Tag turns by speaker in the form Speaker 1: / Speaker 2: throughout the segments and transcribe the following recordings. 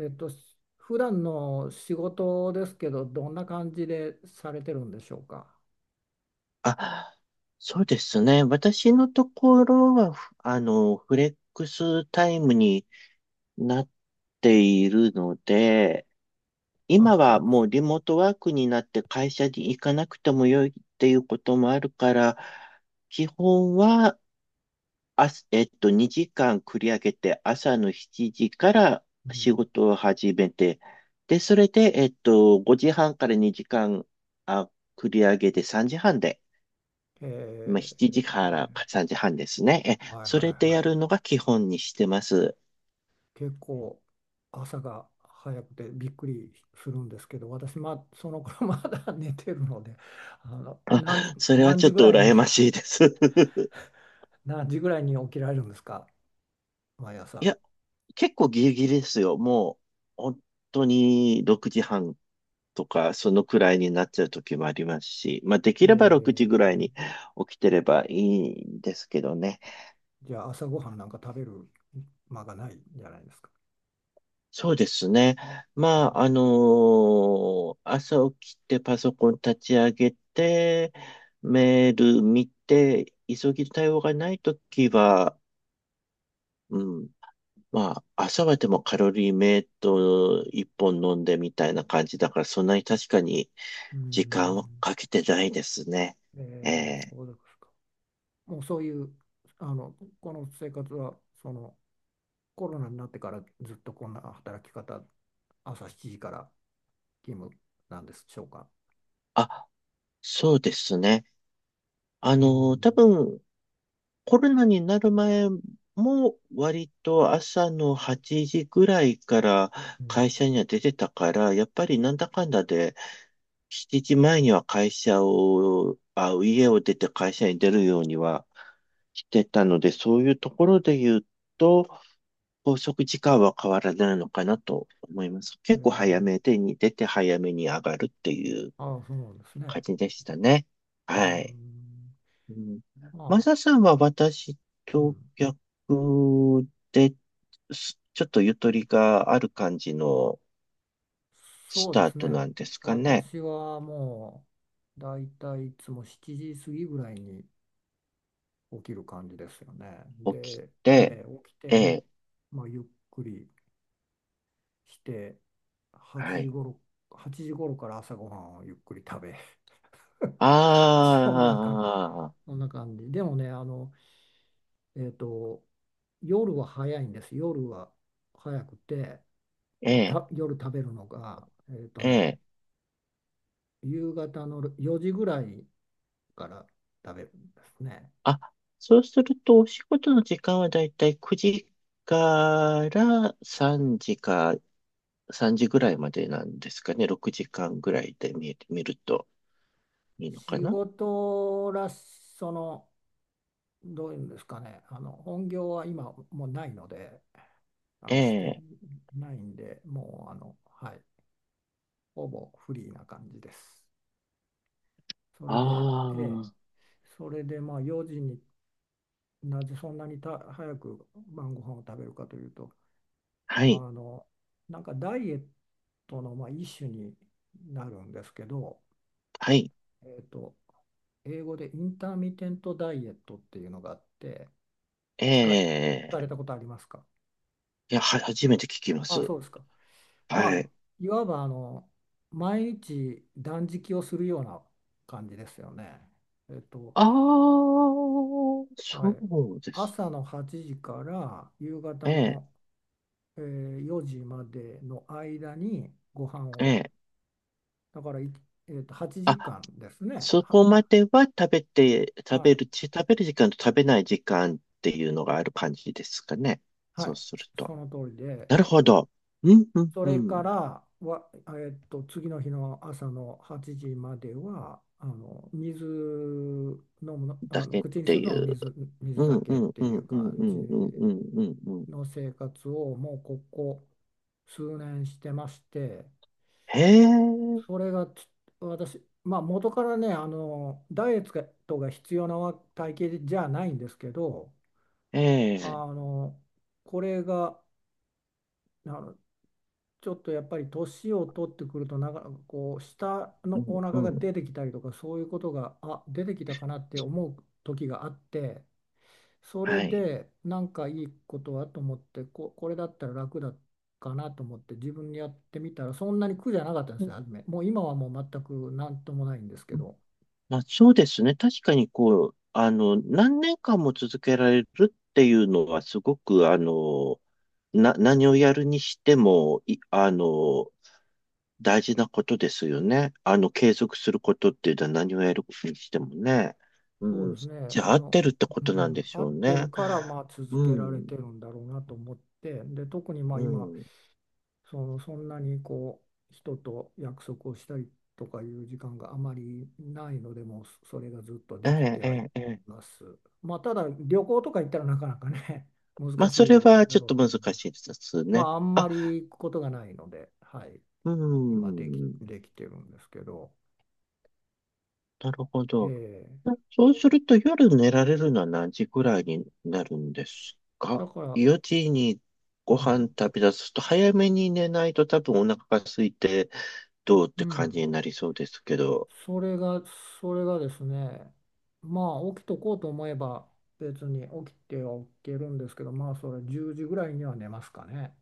Speaker 1: 普段の仕事ですけど、どんな感じでされてるんでしょうか。
Speaker 2: あ、そうですね。私のところは、ふあの、フレックスタイムになっているので、
Speaker 1: あ、
Speaker 2: 今
Speaker 1: フレッ
Speaker 2: は
Speaker 1: ク
Speaker 2: もう
Speaker 1: ス。
Speaker 2: リモートワークになって会社に行かなくてもよいっていうこともあるから、基本は、あす、えっと、2時間繰り上げて朝の7時から
Speaker 1: う
Speaker 2: 仕
Speaker 1: ん。
Speaker 2: 事を始めて、で、それで、5時半から2時間、あ、繰り上げて3時半で、
Speaker 1: え
Speaker 2: まあ、7時から
Speaker 1: ー、
Speaker 2: 3時半ですね。
Speaker 1: はい
Speaker 2: そ
Speaker 1: は
Speaker 2: れ
Speaker 1: い
Speaker 2: で
Speaker 1: は
Speaker 2: やるの
Speaker 1: い。
Speaker 2: が基本にしてます。
Speaker 1: 結構朝が早くてびっくりするんですけど、私、まあ、その頃 まだ寝てるので、あの、何時、
Speaker 2: あ、それは
Speaker 1: 何
Speaker 2: ちょ
Speaker 1: 時
Speaker 2: っ
Speaker 1: ぐ
Speaker 2: と
Speaker 1: らいに、
Speaker 2: 羨ましいです。
Speaker 1: 何時ぐらいに起きられるんですか、毎
Speaker 2: い
Speaker 1: 朝。
Speaker 2: や、結構ギリギリですよ。もう、本当に6時半とか、そのくらいになっちゃう時もありますし、まあ、で
Speaker 1: え
Speaker 2: きれば6時ぐらいに
Speaker 1: ー、
Speaker 2: 起きてればいいんですけどね。
Speaker 1: じゃあ朝ごはんなんか食べる間がないんじゃないですか。
Speaker 2: そうですね。まあ、朝起きてパソコン立ち上げて、メール見て、急ぎ対応がないときは、うん、まあ、朝はでもカロリーメイト一本飲んでみたいな感じだから、そんなに確かに
Speaker 1: うん。う
Speaker 2: 時間を
Speaker 1: ん。
Speaker 2: かけてないですね。ええ。
Speaker 1: そうですか。もうそういう、あの、この生活は、コロナになってからずっとこんな働き方、朝7時から勤務なんでしょうか。
Speaker 2: あ、そうですね。
Speaker 1: う
Speaker 2: 多
Speaker 1: ん、
Speaker 2: 分、コロナになる前も割と朝の8時ぐらいから
Speaker 1: う
Speaker 2: 会
Speaker 1: ん、
Speaker 2: 社には出てたから、やっぱりなんだかんだで7時前には会社を、家を出て会社に出るようにはしてたので、そういうところで言うと、拘束時間は変わらないのかなと思います。
Speaker 1: え
Speaker 2: 結構早
Speaker 1: ー、
Speaker 2: めでに出て早めに上がるっていう
Speaker 1: ああ、そうなんですね。
Speaker 2: 感じでしたね。
Speaker 1: う
Speaker 2: はい。
Speaker 1: ん、
Speaker 2: うん。マ
Speaker 1: まあ、
Speaker 2: サさんは私
Speaker 1: う
Speaker 2: と
Speaker 1: ん、
Speaker 2: 逆で、ちょっとゆとりがある感じの
Speaker 1: そ
Speaker 2: ス
Speaker 1: うで
Speaker 2: ター
Speaker 1: す
Speaker 2: トな
Speaker 1: ね。
Speaker 2: んですかね。
Speaker 1: 私はもう、だいたいいつも7時過ぎぐらいに起きる感じですよね。
Speaker 2: 起き
Speaker 1: で、
Speaker 2: て、
Speaker 1: 起きて
Speaker 2: え
Speaker 1: も、
Speaker 2: え、
Speaker 1: まあ、ゆっくりして、8
Speaker 2: は
Speaker 1: 時
Speaker 2: い。
Speaker 1: 頃、8時頃から朝ごはんをゆっくり食べ、
Speaker 2: あ
Speaker 1: そんな感じ、
Speaker 2: あ、
Speaker 1: そんな感じ。でもね、えっと、夜は早いんです。夜は早くて、
Speaker 2: え
Speaker 1: えー
Speaker 2: え、
Speaker 1: た、夜食べるのが、
Speaker 2: ええ。
Speaker 1: 夕方の4時ぐらいから食べるんですね。
Speaker 2: あ、そうするとお仕事の時間はだいたい9時から3時か3時ぐらいまでなんですかね。6時間ぐらいで見えてみるといいのか
Speaker 1: 仕
Speaker 2: な。
Speaker 1: 事らし、その、どういうんですかね、本業は今もうないので、
Speaker 2: え
Speaker 1: して
Speaker 2: え。
Speaker 1: ないんで、もうはい、ほぼフリーな感じです。それで、
Speaker 2: あ
Speaker 1: ええ、
Speaker 2: あ。
Speaker 1: それでまあ4時になぜそんなに早く晩ご飯を食べるかというと、
Speaker 2: は
Speaker 1: あ
Speaker 2: い。
Speaker 1: の、なんかダイエットのまあ一種になるんですけど、
Speaker 2: はい。
Speaker 1: えっと、英語でインターミテントダイエットっていうのがあって、聞か
Speaker 2: え
Speaker 1: れ
Speaker 2: え。
Speaker 1: たことありますか？
Speaker 2: いや、初めて聞きま
Speaker 1: あ、
Speaker 2: す。
Speaker 1: そうですか。ま
Speaker 2: は
Speaker 1: あ、
Speaker 2: い。
Speaker 1: いわば毎日断食をするような感じですよね。えっと、
Speaker 2: ああ、
Speaker 1: は
Speaker 2: そ
Speaker 1: い、
Speaker 2: うです。
Speaker 1: 朝の8時から夕
Speaker 2: え
Speaker 1: 方
Speaker 2: え、
Speaker 1: の、4時までの間にご飯を、
Speaker 2: ええ、
Speaker 1: だからい、えーと、8
Speaker 2: あ、
Speaker 1: 時間ですね。
Speaker 2: そこまでは食べて、
Speaker 1: は
Speaker 2: 食べ
Speaker 1: い、
Speaker 2: る、食べる時間と食べない時間っていうのがある感じですかね。
Speaker 1: は
Speaker 2: そう
Speaker 1: い、
Speaker 2: すると。
Speaker 1: その通りで、
Speaker 2: なるほど。うん、うん、
Speaker 1: そ
Speaker 2: う
Speaker 1: れか
Speaker 2: ん。
Speaker 1: らは、次の日の朝の8時までは、あの水飲むの、あ
Speaker 2: だ
Speaker 1: の
Speaker 2: けっ
Speaker 1: 口にす
Speaker 2: て
Speaker 1: る
Speaker 2: い
Speaker 1: のは
Speaker 2: う。う
Speaker 1: 水だ
Speaker 2: ん、う
Speaker 1: けっ
Speaker 2: ん、
Speaker 1: て
Speaker 2: う
Speaker 1: い
Speaker 2: ん、
Speaker 1: う
Speaker 2: うん、
Speaker 1: 感
Speaker 2: う
Speaker 1: じ
Speaker 2: ん、うん、うん、うん。うん。
Speaker 1: の生活をもうここ数年してまして。
Speaker 2: へえ、
Speaker 1: それがち私、まあ、元からねダイエットが必要な体型じゃないんですけど、
Speaker 2: ええ、
Speaker 1: あのこれがあのちょっとやっぱり年を取ってくると、なんかこう下
Speaker 2: う
Speaker 1: の
Speaker 2: ん、
Speaker 1: お
Speaker 2: う
Speaker 1: 腹が
Speaker 2: ん。
Speaker 1: 出てきたりとかそういうことが出てきたかなって思う時があって、それ
Speaker 2: はい。
Speaker 1: でなんかいいことはと思ってこれだったら楽だかなと思って自分でやってみたら、そんなに苦じゃなかったんですよ、初め。もう今はもう全く何ともないんですけど。
Speaker 2: まあ、そうですね。確かに、こう、あの、何年間も続けられるっていうのは、すごく、あの、何をやるにしても、あの、大事なことですよね。あの、継続することっていうのは何をやるにしてもね。
Speaker 1: そう
Speaker 2: うん。
Speaker 1: ですね。
Speaker 2: じ
Speaker 1: あ
Speaker 2: ゃあ、合って
Speaker 1: の、
Speaker 2: るってこ
Speaker 1: う
Speaker 2: となんで
Speaker 1: ん、
Speaker 2: し
Speaker 1: 合
Speaker 2: ょう
Speaker 1: って
Speaker 2: ね。
Speaker 1: るからまあ続
Speaker 2: う
Speaker 1: けられ
Speaker 2: ん。
Speaker 1: てるんだろうなと思って、で、特にまあ
Speaker 2: う
Speaker 1: 今、
Speaker 2: ん。
Speaker 1: そんなに人と約束をしたりとかいう時間があまりないので、もうそれがずっと
Speaker 2: え
Speaker 1: でき
Speaker 2: え、
Speaker 1: て
Speaker 2: え
Speaker 1: はい
Speaker 2: え、ええ。
Speaker 1: ます。まあ、ただ旅行とか行ったらなかなかね、難
Speaker 2: まあ、
Speaker 1: し
Speaker 2: それ
Speaker 1: い
Speaker 2: は
Speaker 1: だ
Speaker 2: ちょっ
Speaker 1: ろう
Speaker 2: と
Speaker 1: と
Speaker 2: 難
Speaker 1: 思いま
Speaker 2: し
Speaker 1: す。
Speaker 2: いです
Speaker 1: ま
Speaker 2: ね。
Speaker 1: あ、あんま
Speaker 2: あ、
Speaker 1: り行くことがないので、はい、
Speaker 2: う
Speaker 1: 今
Speaker 2: ん。
Speaker 1: できてるんですけど、
Speaker 2: なるほど。
Speaker 1: ええ。
Speaker 2: そうすると夜寝られるのは何時くらいになるんですか？
Speaker 1: だから、
Speaker 2: 4 時に
Speaker 1: う
Speaker 2: ご飯
Speaker 1: ん、
Speaker 2: 食べ出すと早めに寝ないと多分お腹が空いてどうっ
Speaker 1: う
Speaker 2: て感じ
Speaker 1: ん。
Speaker 2: になりそうですけど。
Speaker 1: それが、それがですね、まあ起きとこうと思えば別に起きては起きるんですけど、まあそれ10時ぐらいには寝ますかね。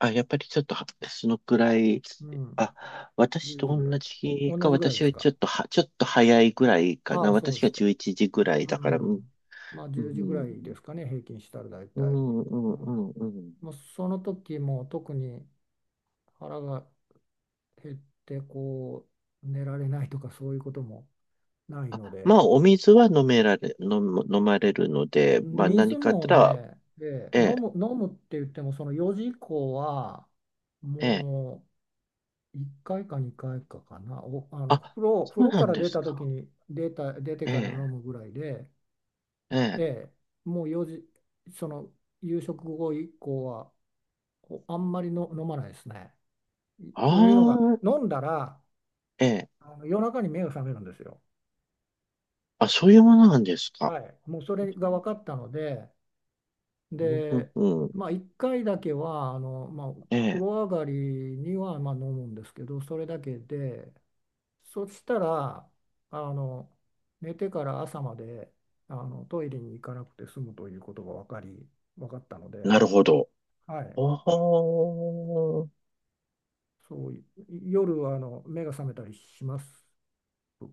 Speaker 2: あ、やっぱりちょっとはそのくらい、
Speaker 1: うん。
Speaker 2: 私
Speaker 1: 1
Speaker 2: と
Speaker 1: 時ぐらい。
Speaker 2: 同じ
Speaker 1: 同
Speaker 2: か、
Speaker 1: じぐらいで
Speaker 2: 私
Speaker 1: す
Speaker 2: はち
Speaker 1: か。
Speaker 2: ょっとは、ちょっと早いくらいか
Speaker 1: あ
Speaker 2: な。
Speaker 1: あ、そう
Speaker 2: 私
Speaker 1: です
Speaker 2: が
Speaker 1: か。
Speaker 2: 11時ぐらい
Speaker 1: う
Speaker 2: だから、うん、
Speaker 1: ん。まあ
Speaker 2: う
Speaker 1: 10時ぐらいで
Speaker 2: ん、
Speaker 1: すかね、平均したら大
Speaker 2: う
Speaker 1: 体。
Speaker 2: ん、う
Speaker 1: う
Speaker 2: ん、う
Speaker 1: ん。
Speaker 2: んうん。
Speaker 1: まあ、その時も特に腹が減ってこう寝られないとかそういうこともないの
Speaker 2: ま
Speaker 1: で、
Speaker 2: あ、お水は飲められ、飲む、飲まれるので、まあ、
Speaker 1: 水
Speaker 2: 何かあっ
Speaker 1: も
Speaker 2: たら、
Speaker 1: ね、
Speaker 2: ええ、
Speaker 1: 飲むって言っても、その4時以降は、
Speaker 2: ええ。
Speaker 1: もう1回か2回かいかかな。お、あの
Speaker 2: あ、そ
Speaker 1: 風
Speaker 2: う
Speaker 1: 呂
Speaker 2: な
Speaker 1: か
Speaker 2: ん
Speaker 1: ら
Speaker 2: で
Speaker 1: 出
Speaker 2: す
Speaker 1: た時
Speaker 2: か。
Speaker 1: に出て
Speaker 2: え
Speaker 1: から飲
Speaker 2: え、
Speaker 1: むぐらいで、
Speaker 2: え
Speaker 1: え
Speaker 2: え。
Speaker 1: え。もう4時、その夕食後以降は、あんまりの飲まないですね。
Speaker 2: あ
Speaker 1: というのが、
Speaker 2: あ、
Speaker 1: 飲んだら、
Speaker 2: ええ。
Speaker 1: 夜中に目が覚めるんですよ。
Speaker 2: あ、そういうものなんですか。
Speaker 1: はい、もうそ
Speaker 2: う
Speaker 1: れが分かったので、
Speaker 2: ん、うん、
Speaker 1: で、
Speaker 2: うん、
Speaker 1: まあ、1回だけはまあ、
Speaker 2: え
Speaker 1: 風
Speaker 2: え。
Speaker 1: 呂上がりにはまあ飲むんですけど、それだけで、そしたらあの寝てから朝までトイレに行かなくて済むということが分かったので、
Speaker 2: なるほど。
Speaker 1: はい。
Speaker 2: おー。
Speaker 1: そうい夜は目が覚めたりします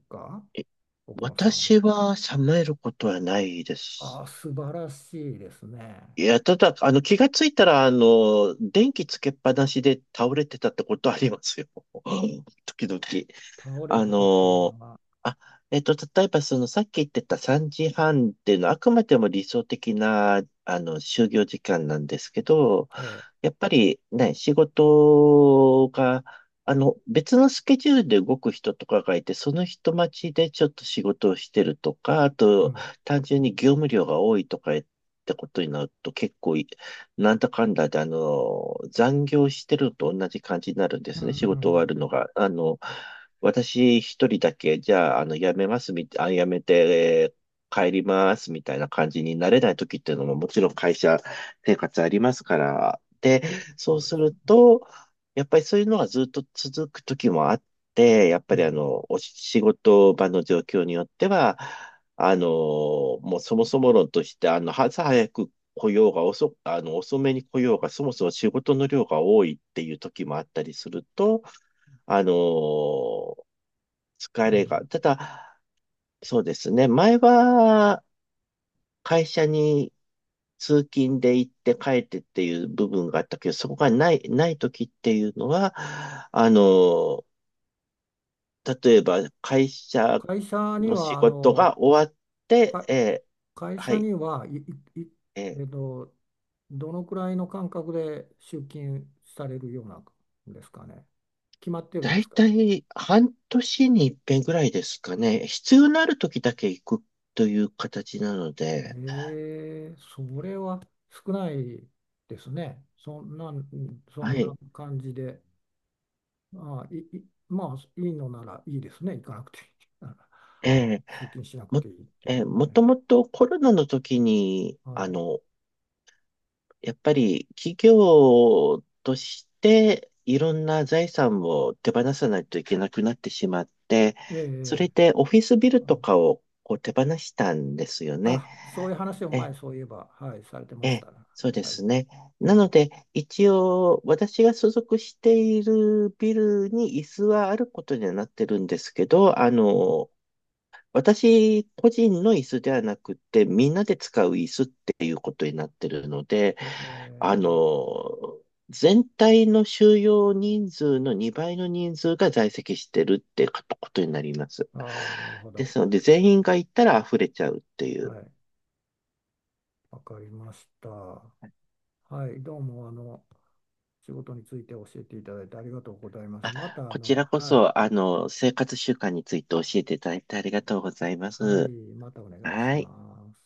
Speaker 1: か、
Speaker 2: え
Speaker 1: 奥野さん。
Speaker 2: 私は冷めることはないで
Speaker 1: あ
Speaker 2: す。
Speaker 1: あ、素晴らしいですね。
Speaker 2: いや、ただ、あの、気がついたら、あの、電気つけっぱなしで倒れてたってことありますよ。時々。
Speaker 1: 倒れ
Speaker 2: あ
Speaker 1: て
Speaker 2: の
Speaker 1: たっていう
Speaker 2: ー
Speaker 1: のは。
Speaker 2: あ、例えばそのさっき言ってた3時半っていうのはあくまでも理想的な、あの、就業時間なんですけど、
Speaker 1: ええ、
Speaker 2: やっぱりね、仕事が、あの、別のスケジュールで動く人とかがいて、その人待ちでちょっと仕事をしてるとか、あ
Speaker 1: う
Speaker 2: と、
Speaker 1: ん、
Speaker 2: 単純に業務量が多いとかってことになると結構い、なんだかんだで、あの、残業してるのと同じ感じになるんで
Speaker 1: うんう
Speaker 2: す
Speaker 1: んう
Speaker 2: ね、仕事終わ
Speaker 1: ん、
Speaker 2: るのが。あの、私一人だけ、じゃあ、あの、辞めて、帰りますみたいな感じになれない時っていうのももちろん会社生活ありますから。で、
Speaker 1: そう、
Speaker 2: そ
Speaker 1: そ
Speaker 2: う
Speaker 1: うで
Speaker 2: す
Speaker 1: すね。
Speaker 2: ると、やっぱりそういうのがずっと続く時もあって、やっ
Speaker 1: う
Speaker 2: ぱりあ
Speaker 1: ん、
Speaker 2: の、お仕事場の状況によっては、あの、もうそもそも論として、あの、朝早く来ようが遅く、あの、遅めに来ようが、そもそも仕事の量が多いっていう時もあったりすると、あのー疲
Speaker 1: う
Speaker 2: れ
Speaker 1: ん。
Speaker 2: が、ただ、そうですね、前は会社に通勤で行って帰ってっていう部分があったけど、そこがない時っていうのは、あのー例えば会社
Speaker 1: 会社に
Speaker 2: の仕
Speaker 1: は、あ
Speaker 2: 事
Speaker 1: の、
Speaker 2: が終わって、
Speaker 1: か、会
Speaker 2: は
Speaker 1: 社
Speaker 2: い、
Speaker 1: には、い、い、い
Speaker 2: え
Speaker 1: えっ
Speaker 2: ー
Speaker 1: と、どのくらいの間隔で出勤されるようなんですかね。決まってるん
Speaker 2: だ
Speaker 1: で
Speaker 2: い
Speaker 1: すか。
Speaker 2: たい半年に一遍ぐらいですかね。必要のある時だけ行くという形なので、
Speaker 1: えそれは少ないですね。そ
Speaker 2: は
Speaker 1: んな
Speaker 2: い。
Speaker 1: 感じで、ああ、まあ、いいのならいいですね。行かなくていい。
Speaker 2: え
Speaker 1: 通勤しなく
Speaker 2: も、
Speaker 1: ていいっていう
Speaker 2: えー
Speaker 1: のは
Speaker 2: もと
Speaker 1: ね。
Speaker 2: もとコロナの時に、
Speaker 1: は
Speaker 2: あ
Speaker 1: い。
Speaker 2: の、やっぱり企業としていろんな財産を手放さないといけなくなってしまって、そ
Speaker 1: え
Speaker 2: れでオフィスビ
Speaker 1: え、
Speaker 2: ルと
Speaker 1: あ
Speaker 2: かをこう手放したんですよね。
Speaker 1: あ、そういう話を
Speaker 2: え、
Speaker 1: 前、そういえば、はい、されてまし
Speaker 2: え、
Speaker 1: たな。
Speaker 2: そうで
Speaker 1: はい。
Speaker 2: すね。
Speaker 1: え
Speaker 2: なの
Speaker 1: え、
Speaker 2: で、一応、私が所属しているビルに椅子はあることにはなってるんですけど、あ
Speaker 1: うん、
Speaker 2: の、私個人の椅子ではなくて、みんなで使う椅子っていうことになってるので、
Speaker 1: え
Speaker 2: あ
Speaker 1: え、
Speaker 2: の、全体の収容人数の2倍の人数が在籍してるってことになります。
Speaker 1: ああ、なるほ
Speaker 2: で
Speaker 1: ど。
Speaker 2: すので、全員が行ったら溢れちゃうってい
Speaker 1: は
Speaker 2: う。
Speaker 1: い、わかりました。はい、どうも、仕事について教えていただいてありがとうございます。また、
Speaker 2: こちらこ
Speaker 1: はい、
Speaker 2: そ、あの、生活習慣について教えていただいてありがとうございま
Speaker 1: はい、
Speaker 2: す。
Speaker 1: またお願いし
Speaker 2: はい。
Speaker 1: ます。